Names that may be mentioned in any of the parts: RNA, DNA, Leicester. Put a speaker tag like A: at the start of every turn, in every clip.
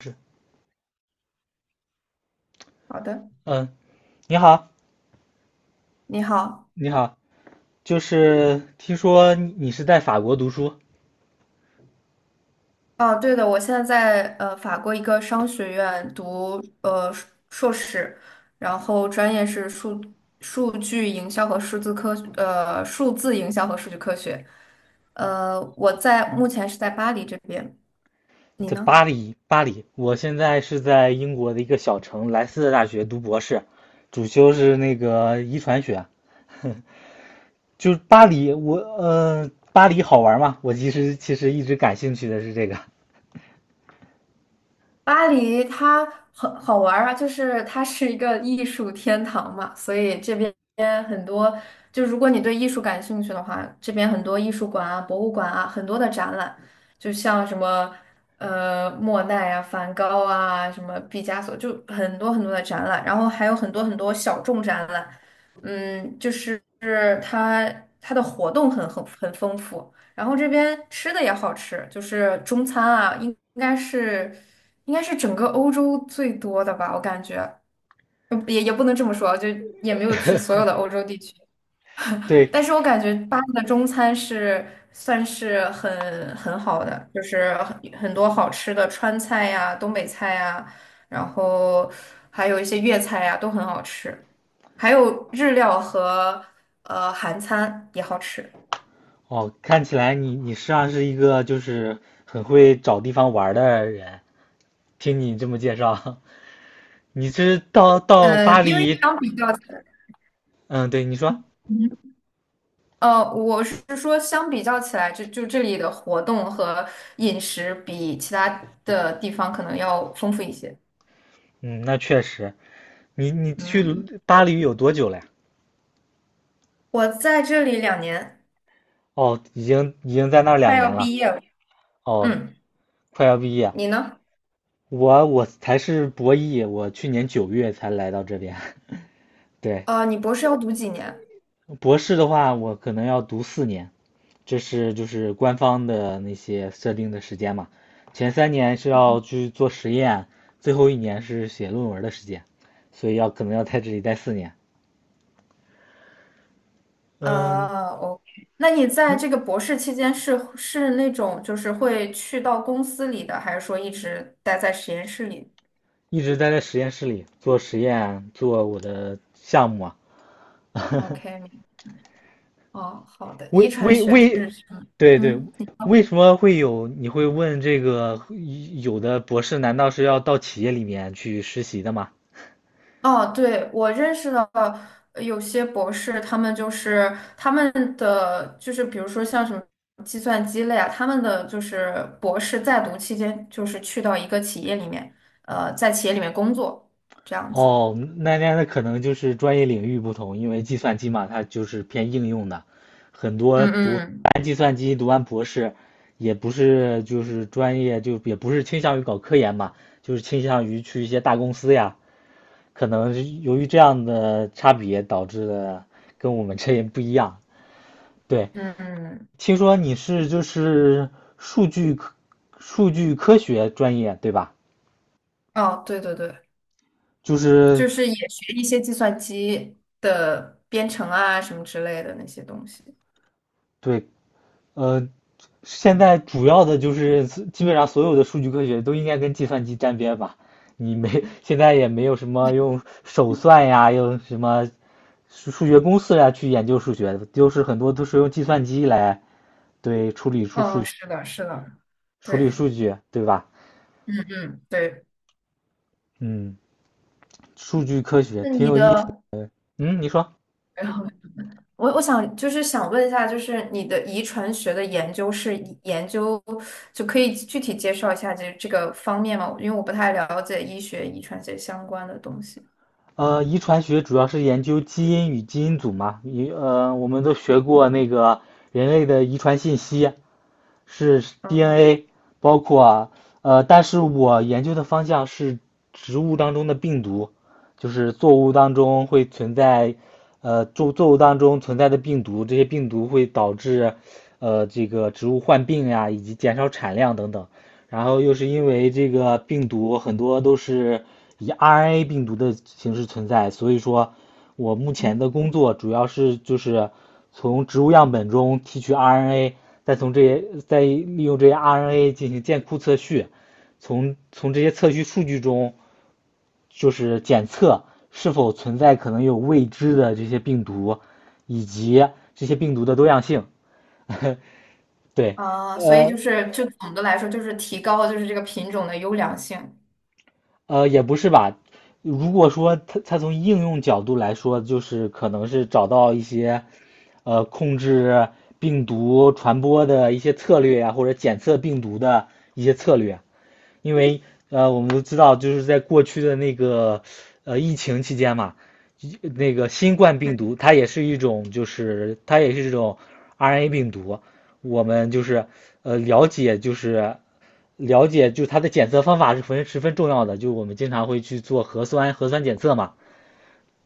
A: 是，
B: 好的，
A: 嗯，你好，
B: 你好。
A: 你好，就是听说你是在法国读书，
B: 哦，对的，我现在在法国一个商学院读硕士，然后专业是数据营销和数字营销和数据科学。我在目前是在巴黎这边，你
A: 在
B: 呢？
A: 巴黎，巴黎。我现在是在英国的一个小城莱斯特大学读博士，主修是那个遗传学。就是巴黎，巴黎好玩吗？我其实一直感兴趣的是这个。
B: 巴黎它很好玩儿啊，就是它是一个艺术天堂嘛，所以这边很多，就如果你对艺术感兴趣的话，这边很多艺术馆啊、博物馆啊，很多的展览，就像什么莫奈啊、梵高啊、什么毕加索，就很多很多的展览，然后还有很多很多小众展览，嗯，就是它它的活动很丰富。然后这边吃的也好吃，就是中餐啊，应该是整个欧洲最多的吧，我感觉，也不能这么说，就也没有去所有的欧洲地区，
A: 对，
B: 但是我感觉巴黎的中餐是算是很好的，就是很多好吃的川菜呀、东北菜呀，然后还有一些粤菜呀，都很好吃，还有日料和韩餐也好吃。
A: 哦，看起来你实际上是一个就是很会找地方玩的人。听你这么介绍，你是到巴
B: 因为
A: 黎，
B: 相比较起来。
A: 嗯，对，你说。
B: 我是说，相比较起来，就这里的活动和饮食比其他的地方可能要丰富一些。
A: 嗯，那确实，你去
B: 嗯
A: 巴黎有多久了呀？
B: 我在这里2年，
A: 哦，已经在那儿两
B: 快要
A: 年了。
B: 毕业了。
A: 哦，
B: 嗯，
A: 快要毕业。
B: 你呢？
A: 我才是博一，我去年九月才来到这边。对，
B: 你博士要读几年？
A: 博士的话，我可能要读四年，这是就是官方的那些设定的时间嘛。前3年是要去做实验，最后一年是写论文的时间，所以要可能要在这里待四年。嗯，
B: OK，那你在这个博士期间是那种就是会去到公司里的，还是说一直待在实验室里？
A: 一直待在实验室里做实验，做我的项目啊。
B: OK，哦，好的，遗
A: 为
B: 传
A: 为
B: 学
A: 为，
B: 是什么？
A: 对对，
B: 嗯。
A: 为什么会有？你会问这个？有的博士难道是要到企业里面去实习的吗？
B: 哦，对，我认识的有些博士，他们就是他们的就是比如说像什么计算机类啊，他们的就是博士在读期间，就是去到一个企业里面，在企业里面工作这样子。
A: 哦，那可能就是专业领域不同，因为计算机嘛，它就是偏应用的，很多
B: 嗯
A: 读
B: 嗯
A: 完计算机读完博士，也不是就是专业就也不是倾向于搞科研嘛，就是倾向于去一些大公司呀。可能是由于这样的差别导致的跟我们这也不一样，对。
B: 嗯嗯，
A: 听说你是就是数据科数据科学专业对吧？
B: 哦，对对对，
A: 就是
B: 就是也学一些计算机的编程啊什么之类的那些东西。
A: 对，呃，现在主要的就是基本上所有的数据科学都应该跟计算机沾边吧？你没现在也没有什么用手算呀，用什么数学公式呀去研究数学的，就是很多都是用计算机来对处理数数
B: 哦，是的，是的，
A: 处理
B: 对，
A: 数据对吧？
B: 嗯嗯，对。
A: 嗯，数据科学
B: 那
A: 挺
B: 你
A: 有意思。
B: 的，
A: 嗯，你说。
B: 我想就是想问一下，就是你的遗传学的研究是以研究，就可以具体介绍一下这个方面吗？因为我不太了解医学遗传学相关的东西。
A: 遗传学主要是研究基因与基因组嘛，我们都学过那个人类的遗传信息是
B: 嗯哼，
A: DNA，包括但是我研究的方向是植物当中的病毒，就是作物当中会存在，作物当中存在的病毒，这些病毒会导致这个植物患病呀，以及减少产量等等，然后又是因为这个病毒很多都是以 RNA 病毒的形式存在，所以说我目前的工作主要是就是从植物样本中提取 RNA，再利用这些 RNA 进行建库测序，从这些测序数据中就是检测是否存在可能有未知的这些病毒，以及这些病毒的多样性。对，
B: 啊，所以
A: 呃。
B: 就是就总的来说，就是提高了就是这个品种的优良性。
A: 也不是吧。如果说它从应用角度来说，就是可能是找到一些，控制病毒传播的一些策略呀、或者检测病毒的一些策略。因为我们都知道，就是在过去的那个疫情期间嘛，那个新冠病毒
B: 嗯
A: 它也是一种，就是它也是这种 RNA 病毒。我们就是了解，就是了解，就它的检测方法是十分十分重要的。就我们经常会去做核酸检测嘛，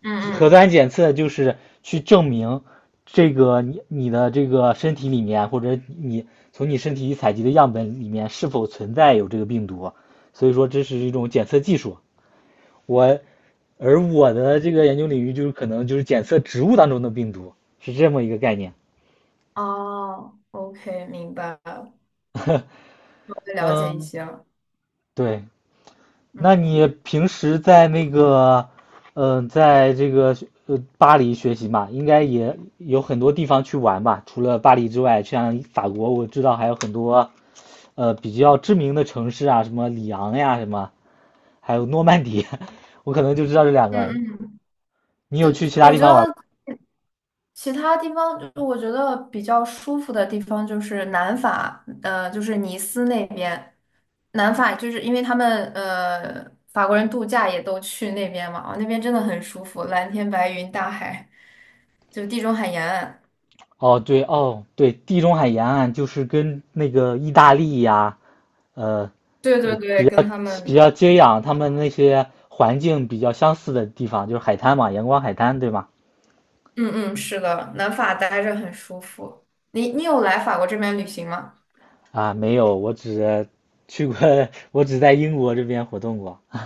B: 嗯
A: 核
B: 嗯，
A: 酸检测就是去证明这个你的这个身体里面，或者你从你身体采集的样本里面是否存在有这个病毒，所以说这是一种检测技术。我而我的这个研究领域就是可能就是检测植物当中的病毒，是这么一个概念。
B: 哦，OK，明白了，我了解一
A: 嗯，
B: 些了。
A: 对，那你
B: 嗯
A: 平时在那个，在这个巴黎学习嘛，应该也有很多地方去玩吧？除了巴黎之外，像法国，我知道还有很多比较知名的城市啊，什么里昂呀，什么还有诺曼底，我可能就知道这两个。
B: 嗯嗯，
A: 你有去其他
B: 我
A: 地
B: 觉
A: 方玩？
B: 得。其他地方，就我觉得比较舒服的地方就是南法，就是尼斯那边。南法就是因为他们法国人度假也都去那边嘛，啊，那边真的很舒服，蓝天白云、大海，就地中海沿岸。
A: 哦，对，哦，对，地中海沿岸就是跟那个意大利呀，呃
B: 对
A: 呃
B: 对
A: 比
B: 对，
A: 较
B: 跟他
A: 比
B: 们，
A: 较接壤他们那些环境比较相似的地方，就是海滩嘛，阳光海滩，对吗？
B: 嗯嗯，是的，南法待着很舒服。你有来法国这边旅行吗？
A: 啊，没有，我只 去过，我只在英国这边活动过。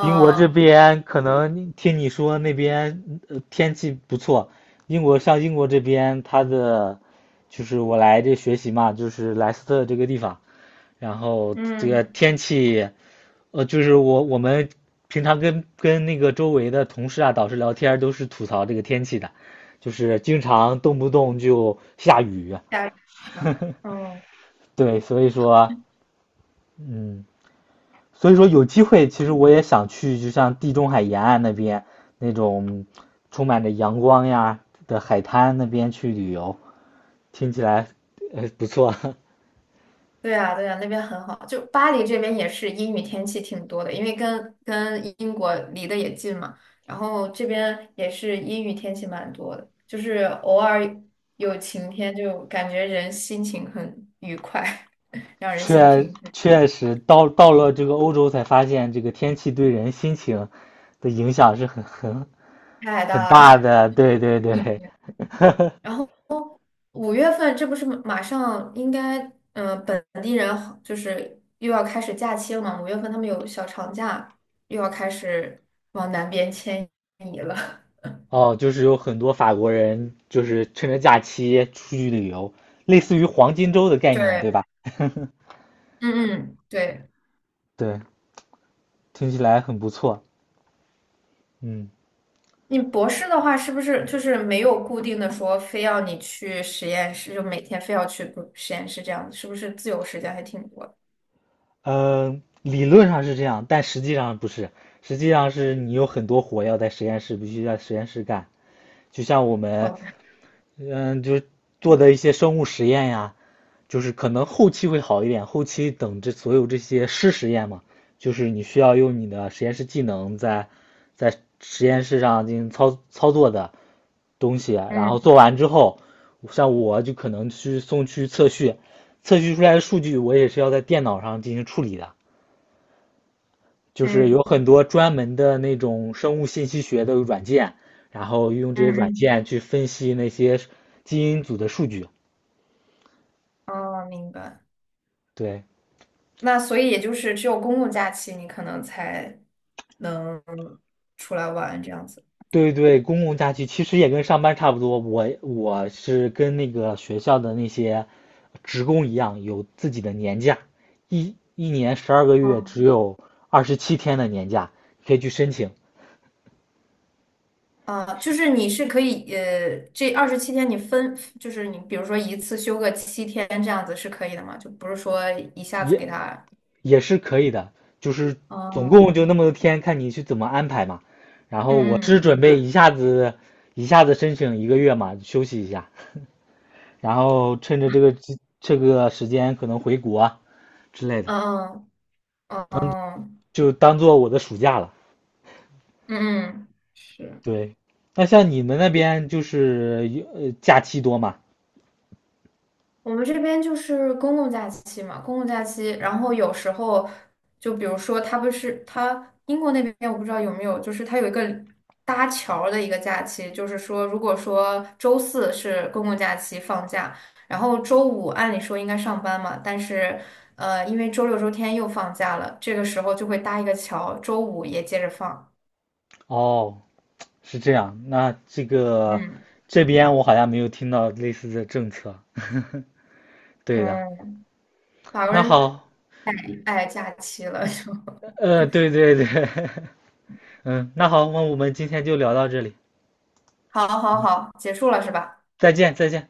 A: 英国这边可能听你说那边天气不错，英国像英国这边它的就是我来这学习嘛，就是莱斯特这个地方，然后这个
B: 嗯，
A: 天气就是我们平常跟那个周围的同事啊、导师聊天儿都是吐槽这个天气的，就是经常动不动就下雨。
B: 大是吧？嗯。
A: 对，所以说，嗯，所以说有机会，其实我也想去，就像地中海沿岸那边那种充满着阳光呀的海滩那边去旅游，听起来不错。
B: 对啊，对啊，那边很好。就巴黎这边也是阴雨天气挺多的，因为跟英国离得也近嘛，然后这边也是阴雨天气蛮多的，就是偶尔有晴天，就感觉人心情很愉快，让人心
A: 确
B: 情很。
A: 确实到了这个欧洲才发现，这个天气对人心情的影响是很很
B: 太
A: 很
B: 大
A: 大
B: 了。
A: 的。对对对，
B: 然后五月份这不是马上应该，本地人好就是又要开始假期了嘛，五月份他们有小长假，又要开始往南边迁移了。
A: 哦，就是有很多法国人就是趁着假期出去旅游，类似于黄金周的 概念，对
B: 对，
A: 吧？
B: 嗯嗯，对，
A: 对，听起来很不错。嗯，
B: 你博士的话，是不是就是没有固定的说非要你去实验室，就每天非要去不实验室这样子，是不是自由时间还挺多的？
A: 理论上是这样，但实际上不是，实际上是你有很多活要在实验室必须在实验室干，就像我们
B: 哦，
A: 就是做的一些生物实验呀，就是可能后期会好一点。后期等这所有这些湿实验嘛，就是你需要用你的实验室技能在在实验室上进行操作的东西，然后
B: 嗯
A: 做完之后，像我就可能去送去测序，测序出来的数据我也是要在电脑上进行处理的，就是有
B: 嗯
A: 很多专门的那种生物信息学的软件，然后用这
B: 嗯
A: 些软
B: 嗯，
A: 件去分析那些基因组的数据。
B: 哦，明白。
A: 对
B: 那所以也就是只有公共假期，你可能才能出来玩这样子。
A: 对对，公共假期其实也跟上班差不多。我是跟那个学校的那些职工一样，有自己的年假，一年12个月只
B: 哦，
A: 有27天的年假，可以去申请，
B: 啊，就是你是可以，这27天你分，就是你比如说一次休个七天这样子是可以的吗？就不是说一下子
A: 也
B: 给他。
A: 也是可以的。就是总
B: 哦。
A: 共就那么多天，看你去怎么安排嘛。然后我
B: 嗯
A: 是
B: 嗯，明
A: 准备
B: 白。
A: 一下子申请1个月嘛，休息一下，然后趁着这个时间可能回国之类的，
B: 嗯嗯嗯
A: 就当做我的暑假了。
B: 嗯嗯，是
A: 对，那像你们那边就是有假期多嘛？
B: 我们这边就是公共假期嘛，公共假期，然后有时候就比如说，它不是它英国那边我不知道有没有，就是它有一个搭桥儿的一个假期，就是说，如果说周四是公共假期放假，然后周五按理说应该上班嘛，但是因为周六周天又放假了，这个时候就会搭一个桥，周五也接着放。
A: 哦，是这样。那这个
B: 嗯
A: 这边我好像没有听到类似的政策。对的，
B: 嗯，法国
A: 那
B: 人。
A: 好，
B: 哎，假期了就，
A: 对对对，嗯，那好，那我们今天就聊到这里，
B: 好好好，结束了是吧？
A: 再见再见。